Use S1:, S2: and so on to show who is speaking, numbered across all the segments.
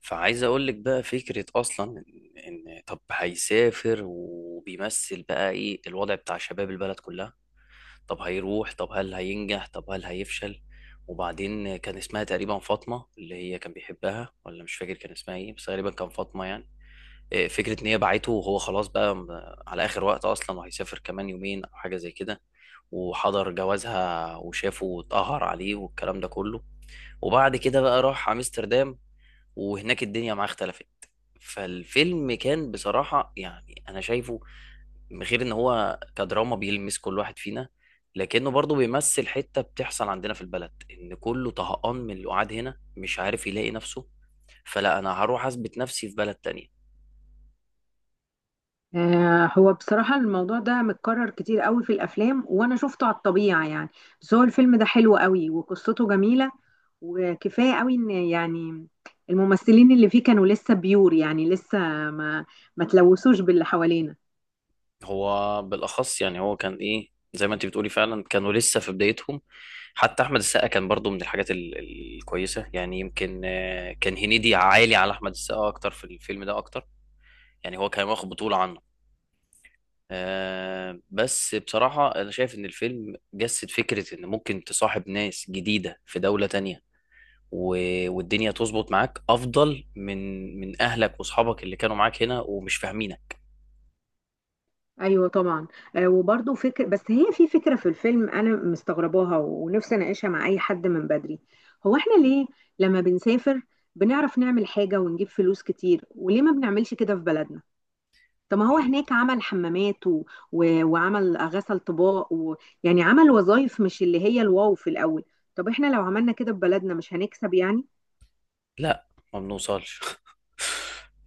S1: فعايز اقول لك بقى فكره اصلا إن طب هيسافر وبيمثل بقى ايه الوضع بتاع شباب البلد كلها. طب هيروح، طب هل هينجح، طب هل هيفشل. وبعدين كان اسمها تقريبا فاطمه اللي هي كان بيحبها، ولا مش فاكر كان اسمها ايه، بس تقريبا كان فاطمه. يعني إيه، فكره ان هي باعته وهو خلاص بقى على اخر وقت اصلا، وهيسافر كمان يومين او حاجه زي كده، وحضر جوازها وشافه واتقهر عليه والكلام ده كله. وبعد كده بقى راح امستردام، وهناك الدنيا معاه اختلفت. فالفيلم كان بصراحة، يعني أنا شايفه، من غير إن هو كدراما بيلمس كل واحد فينا، لكنه برضه بيمثل حتة بتحصل عندنا في البلد، إن كله طهقان من اللي قاعد هنا مش عارف يلاقي نفسه، فلا أنا هروح أثبت نفسي في بلد تانية.
S2: آه، هو بصراحة الموضوع ده متكرر كتير قوي في الأفلام وأنا شفته على الطبيعة يعني. بس هو الفيلم ده حلو قوي وقصته جميلة، وكفاية قوي إن يعني الممثلين اللي فيه كانوا لسه بيور، يعني لسه ما ما تلوثوش باللي حوالينا.
S1: هو بالأخص يعني هو كان إيه، زي ما أنت بتقولي فعلا كانوا لسه في بدايتهم. حتى أحمد السقا كان برضه من الحاجات الكويسة، يعني يمكن كان هنيدي عالي على أحمد السقا أكتر في الفيلم ده أكتر، يعني هو كان واخد بطولة عنه. آه بس بصراحة أنا شايف إن الفيلم جسد فكرة إن ممكن تصاحب ناس جديدة في دولة تانية، والدنيا تظبط معاك أفضل من أهلك وأصحابك اللي كانوا معاك هنا ومش فاهمينك.
S2: أيوة طبعا. آه، وبرضه فكرة، بس هي في فكرة في الفيلم أنا مستغرباها ونفسي أناقشها مع أي حد من بدري. هو إحنا ليه لما بنسافر بنعرف نعمل حاجة ونجيب فلوس كتير وليه ما بنعملش كده في بلدنا؟ طب ما هو هناك عمل حمامات، وعمل غسل طباق، يعني عمل وظائف مش اللي هي الواو في الأول. طب احنا لو عملنا كده في بلدنا مش هنكسب يعني.
S1: لا، ما بنوصلش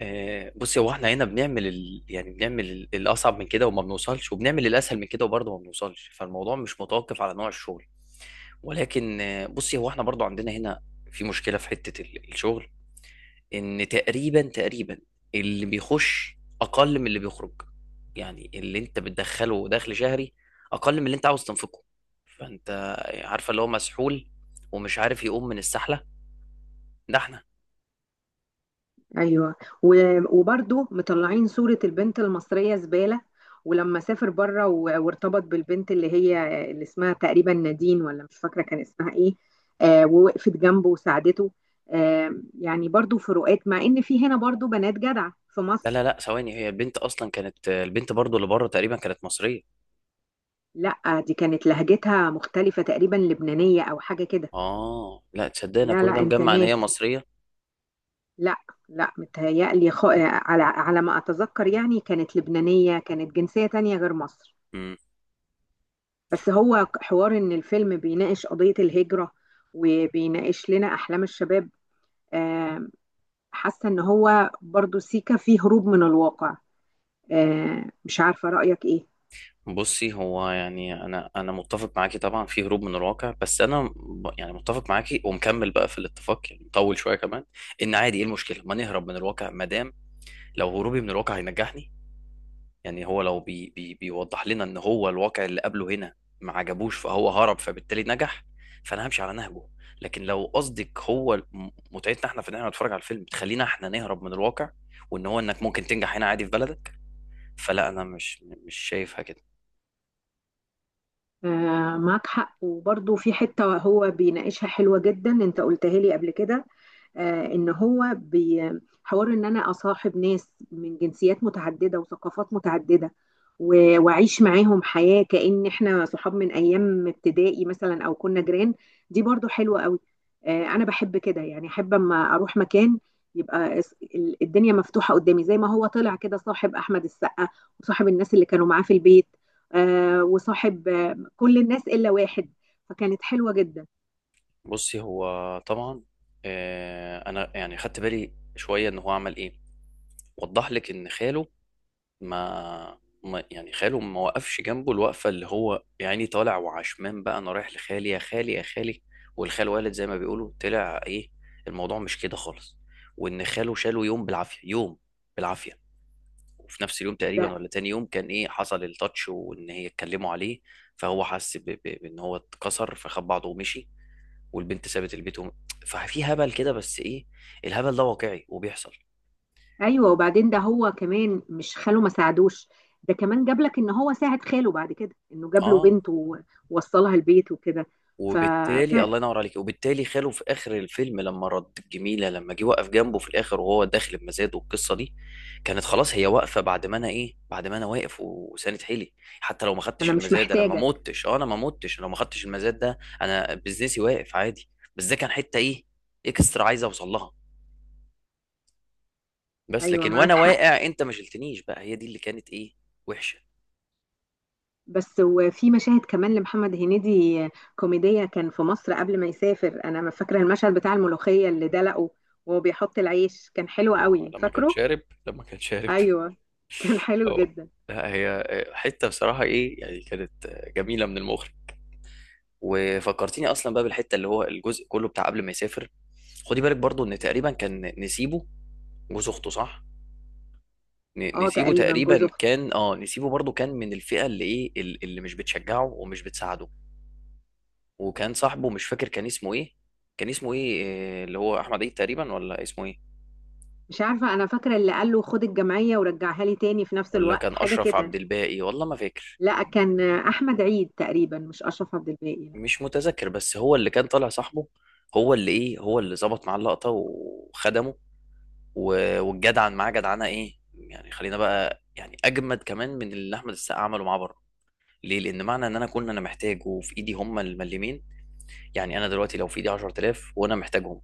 S1: بصي، هو احنا هنا بنعمل يعني بنعمل الاصعب من كده وما بنوصلش، وبنعمل الاسهل من كده وبرضه ما بنوصلش، فالموضوع مش متوقف على نوع الشغل. ولكن بصي، هو احنا برضه عندنا هنا في مشكله في حته الشغل، ان تقريبا اللي بيخش اقل من اللي بيخرج. يعني اللي انت بتدخله دخل شهري اقل من اللي انت عاوز تنفقه، فانت عارفه اللي هو مسحول ومش عارف يقوم من السحله، ده احنا.
S2: ايوه. و... وبرضو مطلعين صورة البنت المصرية زبالة. ولما سافر بره وارتبط بالبنت اللي هي اللي اسمها تقريبا نادين، ولا مش فاكرة كان اسمها ايه. آه، ووقفت جنبه وساعدته. آه، يعني برضو فروقات، مع ان في هنا برضو بنات جدعة في
S1: لا لا
S2: مصر.
S1: لا، ثواني، هي البنت اصلا كانت البنت برضو اللي بره تقريبا كانت مصريه.
S2: لا، دي كانت لهجتها مختلفة، تقريبا لبنانية أو حاجة كده.
S1: اه لا تصدقنا،
S2: لا
S1: كل
S2: لا،
S1: ده
S2: أنت
S1: مجمع ان هي
S2: ناسي.
S1: مصريه.
S2: لا. لا، متهيألي خ... آه، على ما أتذكر يعني كانت لبنانية، كانت جنسية تانية غير مصر.
S1: امم.
S2: بس هو حوار إن الفيلم بيناقش قضية الهجرة، وبيناقش لنا أحلام الشباب. آه، حاسة إن هو برضو سيكا فيه هروب من الواقع. آه، مش عارفة رأيك إيه.
S1: بصي، هو يعني انا متفق معاكي طبعا في هروب من الواقع، بس انا يعني متفق معاكي ومكمل بقى في الاتفاق، يعني مطول شويه كمان. ان عادي ايه المشكله ما نهرب من الواقع، ما دام لو هروبي من الواقع هينجحني. يعني هو لو بي بيوضح لنا ان هو الواقع اللي قبله هنا ما عجبوش، فهو هرب فبالتالي نجح، فانا همشي على نهجه. لكن لو قصدك هو متعتنا احنا في ان احنا نتفرج على الفيلم تخلينا احنا نهرب من الواقع، وان هو انك ممكن تنجح هنا عادي في بلدك، فلا انا مش شايفها كده.
S2: آه معاك حق، وبرضه في حتة هو بيناقشها حلوة جدا، انت قلتها لي قبل كده. آه، ان هو بي حوار ان انا اصاحب ناس من جنسيات متعددة وثقافات متعددة، واعيش معاهم حياة كأن احنا صحاب من ايام ابتدائي مثلا او كنا جيران. دي برضه حلوة قوي. آه، انا بحب كده، يعني احب اما اروح مكان يبقى الدنيا مفتوحة قدامي، زي ما هو طلع كده صاحب احمد السقا، وصاحب الناس اللي كانوا معاه في البيت. آه، وصاحب كل الناس الا واحد. فكانت حلوه جدا.
S1: بصي هو طبعا، انا يعني خدت بالي شويه ان هو عمل ايه، وضح لك ان خاله ما يعني خاله ما وقفش جنبه الوقفه، اللي هو يعني طالع وعشمان بقى انا رايح لخالي يا خالي يا خالي، والخال والد زي ما بيقولوا، طلع ايه، الموضوع مش كده خالص. وان خاله شاله يوم بالعافيه يوم بالعافيه، وفي نفس اليوم
S2: ده
S1: تقريبا ولا تاني يوم كان ايه، حصل التاتش وان هي اتكلموا عليه. فهو حس بان هو اتكسر فخد بعضه ومشي، والبنت سابت البيت ففي هبل كده، بس ايه، الهبل ده واقعي وبيحصل.
S2: ايوه. وبعدين ده هو كمان مش خاله ما ساعدوش، ده كمان جاب لك ان هو ساعد خاله بعد كده انه جاب له
S1: اه.
S2: بنته ووصلها البيت وكده.
S1: وبالتالي
S2: ففعلا.
S1: الله ينور عليك، وبالتالي خاله في اخر الفيلم لما رد الجميله، لما جه وقف جنبه في الاخر وهو داخل بمزاد والقصه دي، كانت خلاص هي واقفه بعد ما انا ايه، بعد ما انا واقف وساند حيلي. حتى لو ما خدتش
S2: انا مش
S1: المزاد انا ما
S2: محتاجك.
S1: متش، اه انا ما متش، لو ما خدتش المزاد ده انا بزنسي واقف عادي. بس ده كان حته ايه، اكسترا عايز اوصل لها. بس
S2: ايوه
S1: لكن
S2: معاك
S1: وانا
S2: حق.
S1: واقع انت ما شلتنيش، بقى هي دي اللي كانت ايه، وحشه.
S2: بس وفي مشاهد كمان لمحمد هنيدي كوميدية كان في مصر قبل ما يسافر. انا ما فاكره المشهد بتاع الملوخية اللي دلقه وهو بيحط العيش، كان حلو
S1: هو لما
S2: قوي،
S1: لما كان
S2: فاكره؟
S1: شارب، لما كان شارب.
S2: ايوه، كان حلو
S1: اه.
S2: جدا.
S1: لا، هي حته بصراحه ايه يعني، كانت جميله من المخرج. وفكرتيني اصلا بقى بالحته اللي هو الجزء كله بتاع قبل ما يسافر. خدي بالك برضو ان تقريبا كان نسيبه، جوز اخته صح،
S2: اه
S1: نسيبه
S2: تقريبا جوز
S1: تقريبا
S2: اخته.
S1: كان، اه نسيبه برضو كان من الفئه اللي ايه اللي مش بتشجعه ومش بتساعده. وكان صاحبه مش فاكر كان اسمه ايه، كان اسمه ايه، اللي هو احمد عيد تقريبا ولا اسمه ايه،
S2: مش عارفة، أنا فاكرة اللي قال له خد الجمعية ورجعها لي تاني في نفس
S1: ولا
S2: الوقت،
S1: كان
S2: حاجة
S1: اشرف
S2: كده.
S1: عبد الباقي، والله ما فاكر.
S2: لا، كان أحمد عيد تقريبا، مش أشرف عبد الباقي، لا.
S1: مش متذكر، بس هو اللي كان طالع صاحبه، هو اللي ايه هو اللي ظبط معاه اللقطه وخدمه، والجدعن معاه جدعنه ايه يعني، خلينا بقى يعني اجمد كمان من اللي احمد السقا عمله معاه بره. ليه؟ لان معنى ان انا كنت انا محتاج وفي ايدي هم المليمين، يعني انا دلوقتي لو في ايدي 10,000 وانا محتاجهم،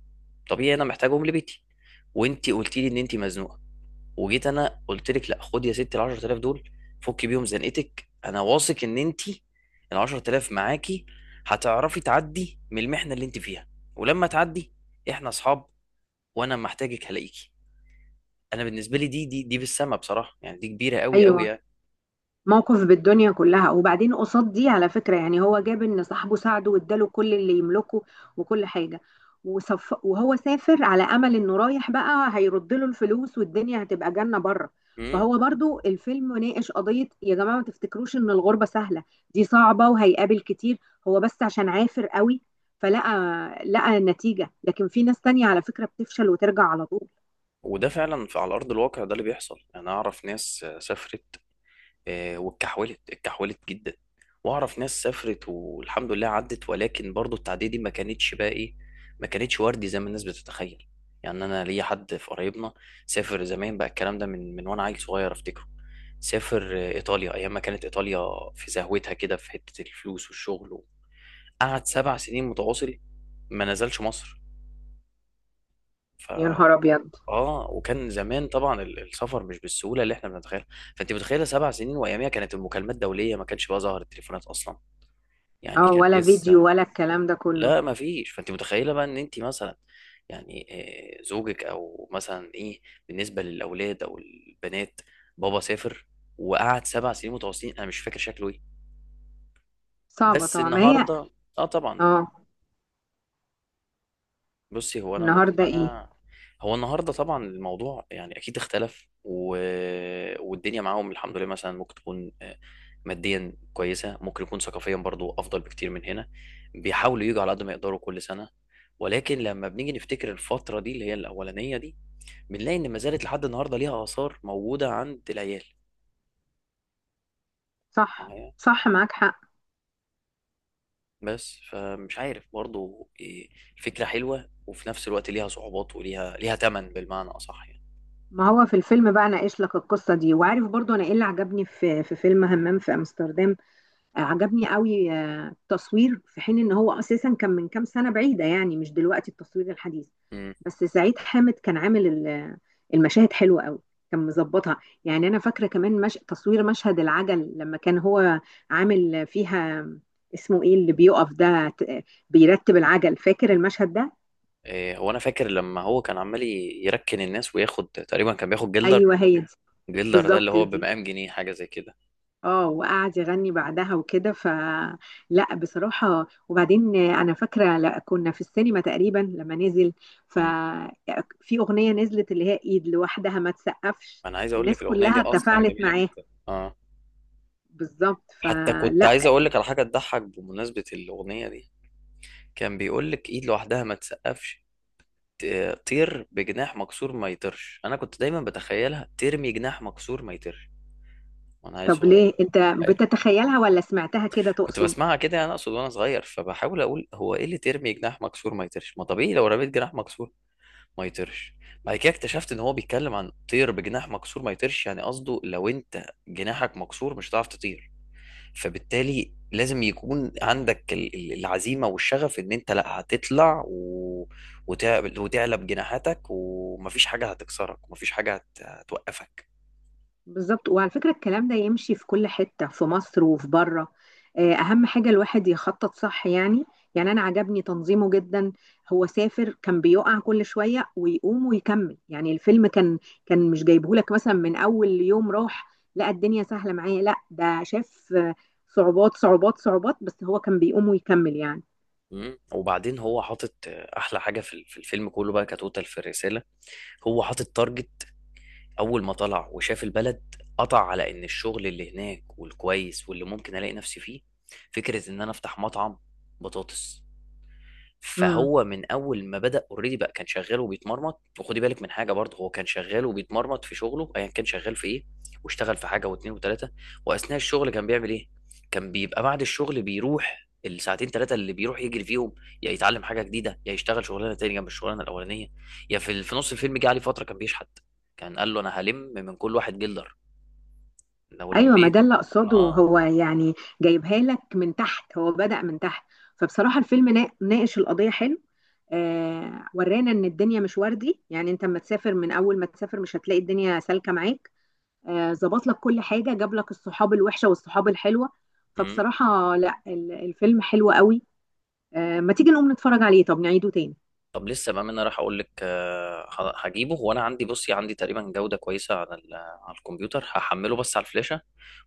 S1: طبيعي انا محتاجهم لبيتي، وانت قلتي لي ان انت مزنوقه، وجيت انا قلت لك لا خد يا ستي ال 10,000 دول فكي بيهم زنقتك، انا واثق ان انت ال 10,000 معاكي هتعرفي تعدي من المحنه اللي انت فيها، ولما تعدي، احنا اصحاب، وانا لما احتاجك هلاقيكي. انا بالنسبه لي دي بالسما بصراحه يعني، دي كبيره قوي.
S2: أيوه.
S1: يعني
S2: موقف بالدنيا كلها. وبعدين قصاد دي على فكرة، يعني هو جاب ان صاحبه ساعده واداله كل اللي يملكه وكل حاجة، وصف، وهو سافر على امل انه رايح بقى هيرد له الفلوس والدنيا هتبقى جنة بره.
S1: مم.
S2: فهو برضو الفيلم ناقش قضية يا جماعة ما تفتكروش ان الغربة سهلة، دي صعبة، وهيقابل كتير. هو بس عشان عافر قوي فلقى لقى النتيجة، لكن في ناس تانية على فكرة بتفشل وترجع على طول.
S1: وده فعلا في على ارض الواقع، ده اللي بيحصل. انا اعرف ناس سافرت، واتكحولت جدا، واعرف ناس سافرت والحمد لله عدت، ولكن برضو التعدية دي ما كانتش بقى ايه، ما كانتش وردي زي ما الناس بتتخيل. يعني انا ليا حد في قرايبنا، سافر زمان بقى الكلام ده من وانا عيل صغير افتكره، سافر ايطاليا، ايام ما كانت ايطاليا في زهوتها كده في حتة الفلوس والشغل. قعد سبع سنين متواصل ما نزلش مصر. ف
S2: يا نهار ابيض.
S1: اه وكان زمان طبعا السفر مش بالسهوله اللي احنا بنتخيلها، فانت متخيله سبع سنين، واياميها كانت المكالمات دوليه، ما كانش بقى ظهر التليفونات اصلا، يعني
S2: اه،
S1: كان
S2: ولا فيديو
S1: لسه.
S2: ولا الكلام ده كله.
S1: لا ما فيش، فانت متخيله بقى ان انت مثلا يعني، زوجك او مثلا ايه، بالنسبه للاولاد او البنات، بابا سافر وقعد سبع سنين متواصلين، انا مش فاكر شكله ايه.
S2: صعبة
S1: بس
S2: طبعا، ما هي.
S1: النهارده، اه طبعا.
S2: اه.
S1: بصي، هو انا
S2: النهارده ايه؟
S1: مقتنع. هو النهارده طبعا الموضوع يعني اكيد اختلف والدنيا معاهم الحمد لله، مثلا ممكن تكون ماديا كويسه، ممكن يكون ثقافيا برضو افضل بكتير من هنا، بيحاولوا يجوا على قد ما يقدروا كل سنه. ولكن لما بنيجي نفتكر الفتره دي اللي هي الاولانيه دي، بنلاقي ان ما زالت لحد النهارده ليها اثار موجوده عند العيال.
S2: صح
S1: معايا.
S2: صح، معاك حق.
S1: بس فمش عارف برضو الفكره حلوه وفي نفس الوقت ليها صعوبات، وليها ثمن بالمعنى اصح يعني.
S2: ما هو في الفيلم بقى ناقش لك القصه دي. وعارف برضو انا ايه اللي عجبني في فيلم همام في امستردام؟ آه، عجبني قوي. آه، التصوير، في حين ان هو اساسا كان من كام سنه بعيده، يعني مش دلوقتي التصوير الحديث.
S1: إمم.
S2: بس سعيد حامد كان عامل المشاهد حلوه قوي، كان مظبطها. يعني انا فاكره كمان مش... تصوير مشهد العجل لما كان هو عامل فيها. اسمه ايه اللي بيقف ده بيرتب العجل؟ فاكر المشهد ده؟
S1: هو انا فاكر لما هو كان عمال يركن الناس وياخد تقريبا كان بياخد جلدر،
S2: ايوه هي.
S1: جلدر ده اللي
S2: بالظبط
S1: هو
S2: دي.
S1: بمقام جنيه حاجه زي كده.
S2: اه، وقعد يغني بعدها وكده. فلا بصراحة. وبعدين انا فاكرة لا كنا في السينما تقريبا لما نزل،
S1: مم.
S2: ففي اغنية نزلت اللي هي ايد لوحدها ما تسقفش،
S1: انا عايز اقول لك
S2: الناس
S1: الاغنيه دي
S2: كلها
S1: اصلا
S2: تفاعلت
S1: جميله
S2: معاها.
S1: جدا، اه.
S2: بالظبط.
S1: حتى كنت
S2: فلا.
S1: عايز اقول لك على حاجه تضحك بمناسبه الاغنيه دي، كان بيقول لك ايد لوحدها ما تسقفش، طير بجناح مكسور ما يطيرش، انا كنت دايما بتخيلها ترمي جناح مكسور ما يطيرش، وانا عيل
S2: طب
S1: صغير
S2: ليه انت بتتخيلها ولا سمعتها كده
S1: كنت
S2: تقصد؟
S1: بسمعها كده، انا اقصد وانا صغير فبحاول اقول هو ايه اللي ترمي جناح مكسور ما يطيرش، ما طبيعي لو رميت جناح مكسور ما يطيرش. بعد كده اكتشفت ان هو بيتكلم عن طير بجناح مكسور ما يطيرش، يعني قصده لو انت جناحك مكسور مش هتعرف تطير، فبالتالي لازم يكون عندك العزيمة والشغف ان انت لا هتطلع وتعلب جناحاتك، ومفيش حاجة هتكسرك ومفيش حاجة هتوقفك.
S2: بالظبط. وعلى فكرة الكلام ده يمشي في كل حتة في مصر وفي بره. آه، أهم حاجة الواحد يخطط صح يعني. يعني أنا عجبني تنظيمه جدا. هو سافر كان بيقع كل شوية ويقوم ويكمل، يعني الفيلم كان مش جايبهولك مثلا من أول يوم راح لا الدنيا سهلة معايا، لا ده شاف آه، صعوبات صعوبات صعوبات، بس هو كان بيقوم ويكمل يعني.
S1: مم. وبعدين هو حاطط احلى حاجة في في الفيلم كله بقى كتوتال في الرسالة، هو حاطط تارجت. أول ما طلع وشاف البلد قطع على إن الشغل اللي هناك والكويس واللي ممكن ألاقي نفسي فيه فكرة إن أنا أفتح مطعم بطاطس.
S2: امم.
S1: فهو من اول ما بدأ اوريدي بقى كان شغال وبيتمرمط، وخدي بالك من حاجه برضه، هو كان شغال وبيتمرمط في شغله ايا كان شغال في ايه، واشتغل في حاجه واثنين وثلاثه. واثناء الشغل كان بيعمل ايه، كان بيبقى بعد الشغل بيروح الساعتين ثلاثه اللي بيروح يجري فيهم، يا يتعلم حاجه جديده، يا يشتغل شغلانه تانية جنب الشغلانه الاولانيه، يا في نص الفيلم جه عليه فتره كان بيشحت، كان قال له انا هلم من كل واحد جلدر لو
S2: أيوة، ما ده
S1: لميت.
S2: اللي أقصده
S1: اه
S2: هو يعني، جايبها لك من تحت، هو بدأ من تحت. فبصراحة الفيلم ناقش القضية حلو. آه، ورانا ان الدنيا مش وردي، يعني انت اما تسافر من اول ما تسافر مش هتلاقي الدنيا سالكه معاك. آه، ظبط لك كل حاجه، جاب لك الصحاب الوحشه والصحاب الحلوه. فبصراحه لا الفيلم حلو قوي. آه، ما تيجي نقوم نتفرج عليه؟ طب نعيده تاني.
S1: طب لسه بقى، ما انا راح اقول لك هجيبه وانا عندي، بصي عندي تقريبا جودة كويسة على على الكمبيوتر هحمله بس على الفلاشة.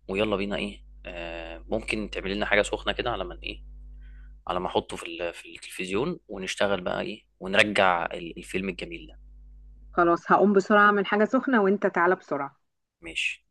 S1: ويلا بينا ايه، ممكن تعملي لنا حاجة سخنة كده على ما ايه، على ما احطه في في التلفزيون ونشتغل بقى ايه ونرجع الفيلم الجميل ده.
S2: خلاص هقوم بسرعه من حاجه سخنه، وانت تعالى بسرعه.
S1: ماشي.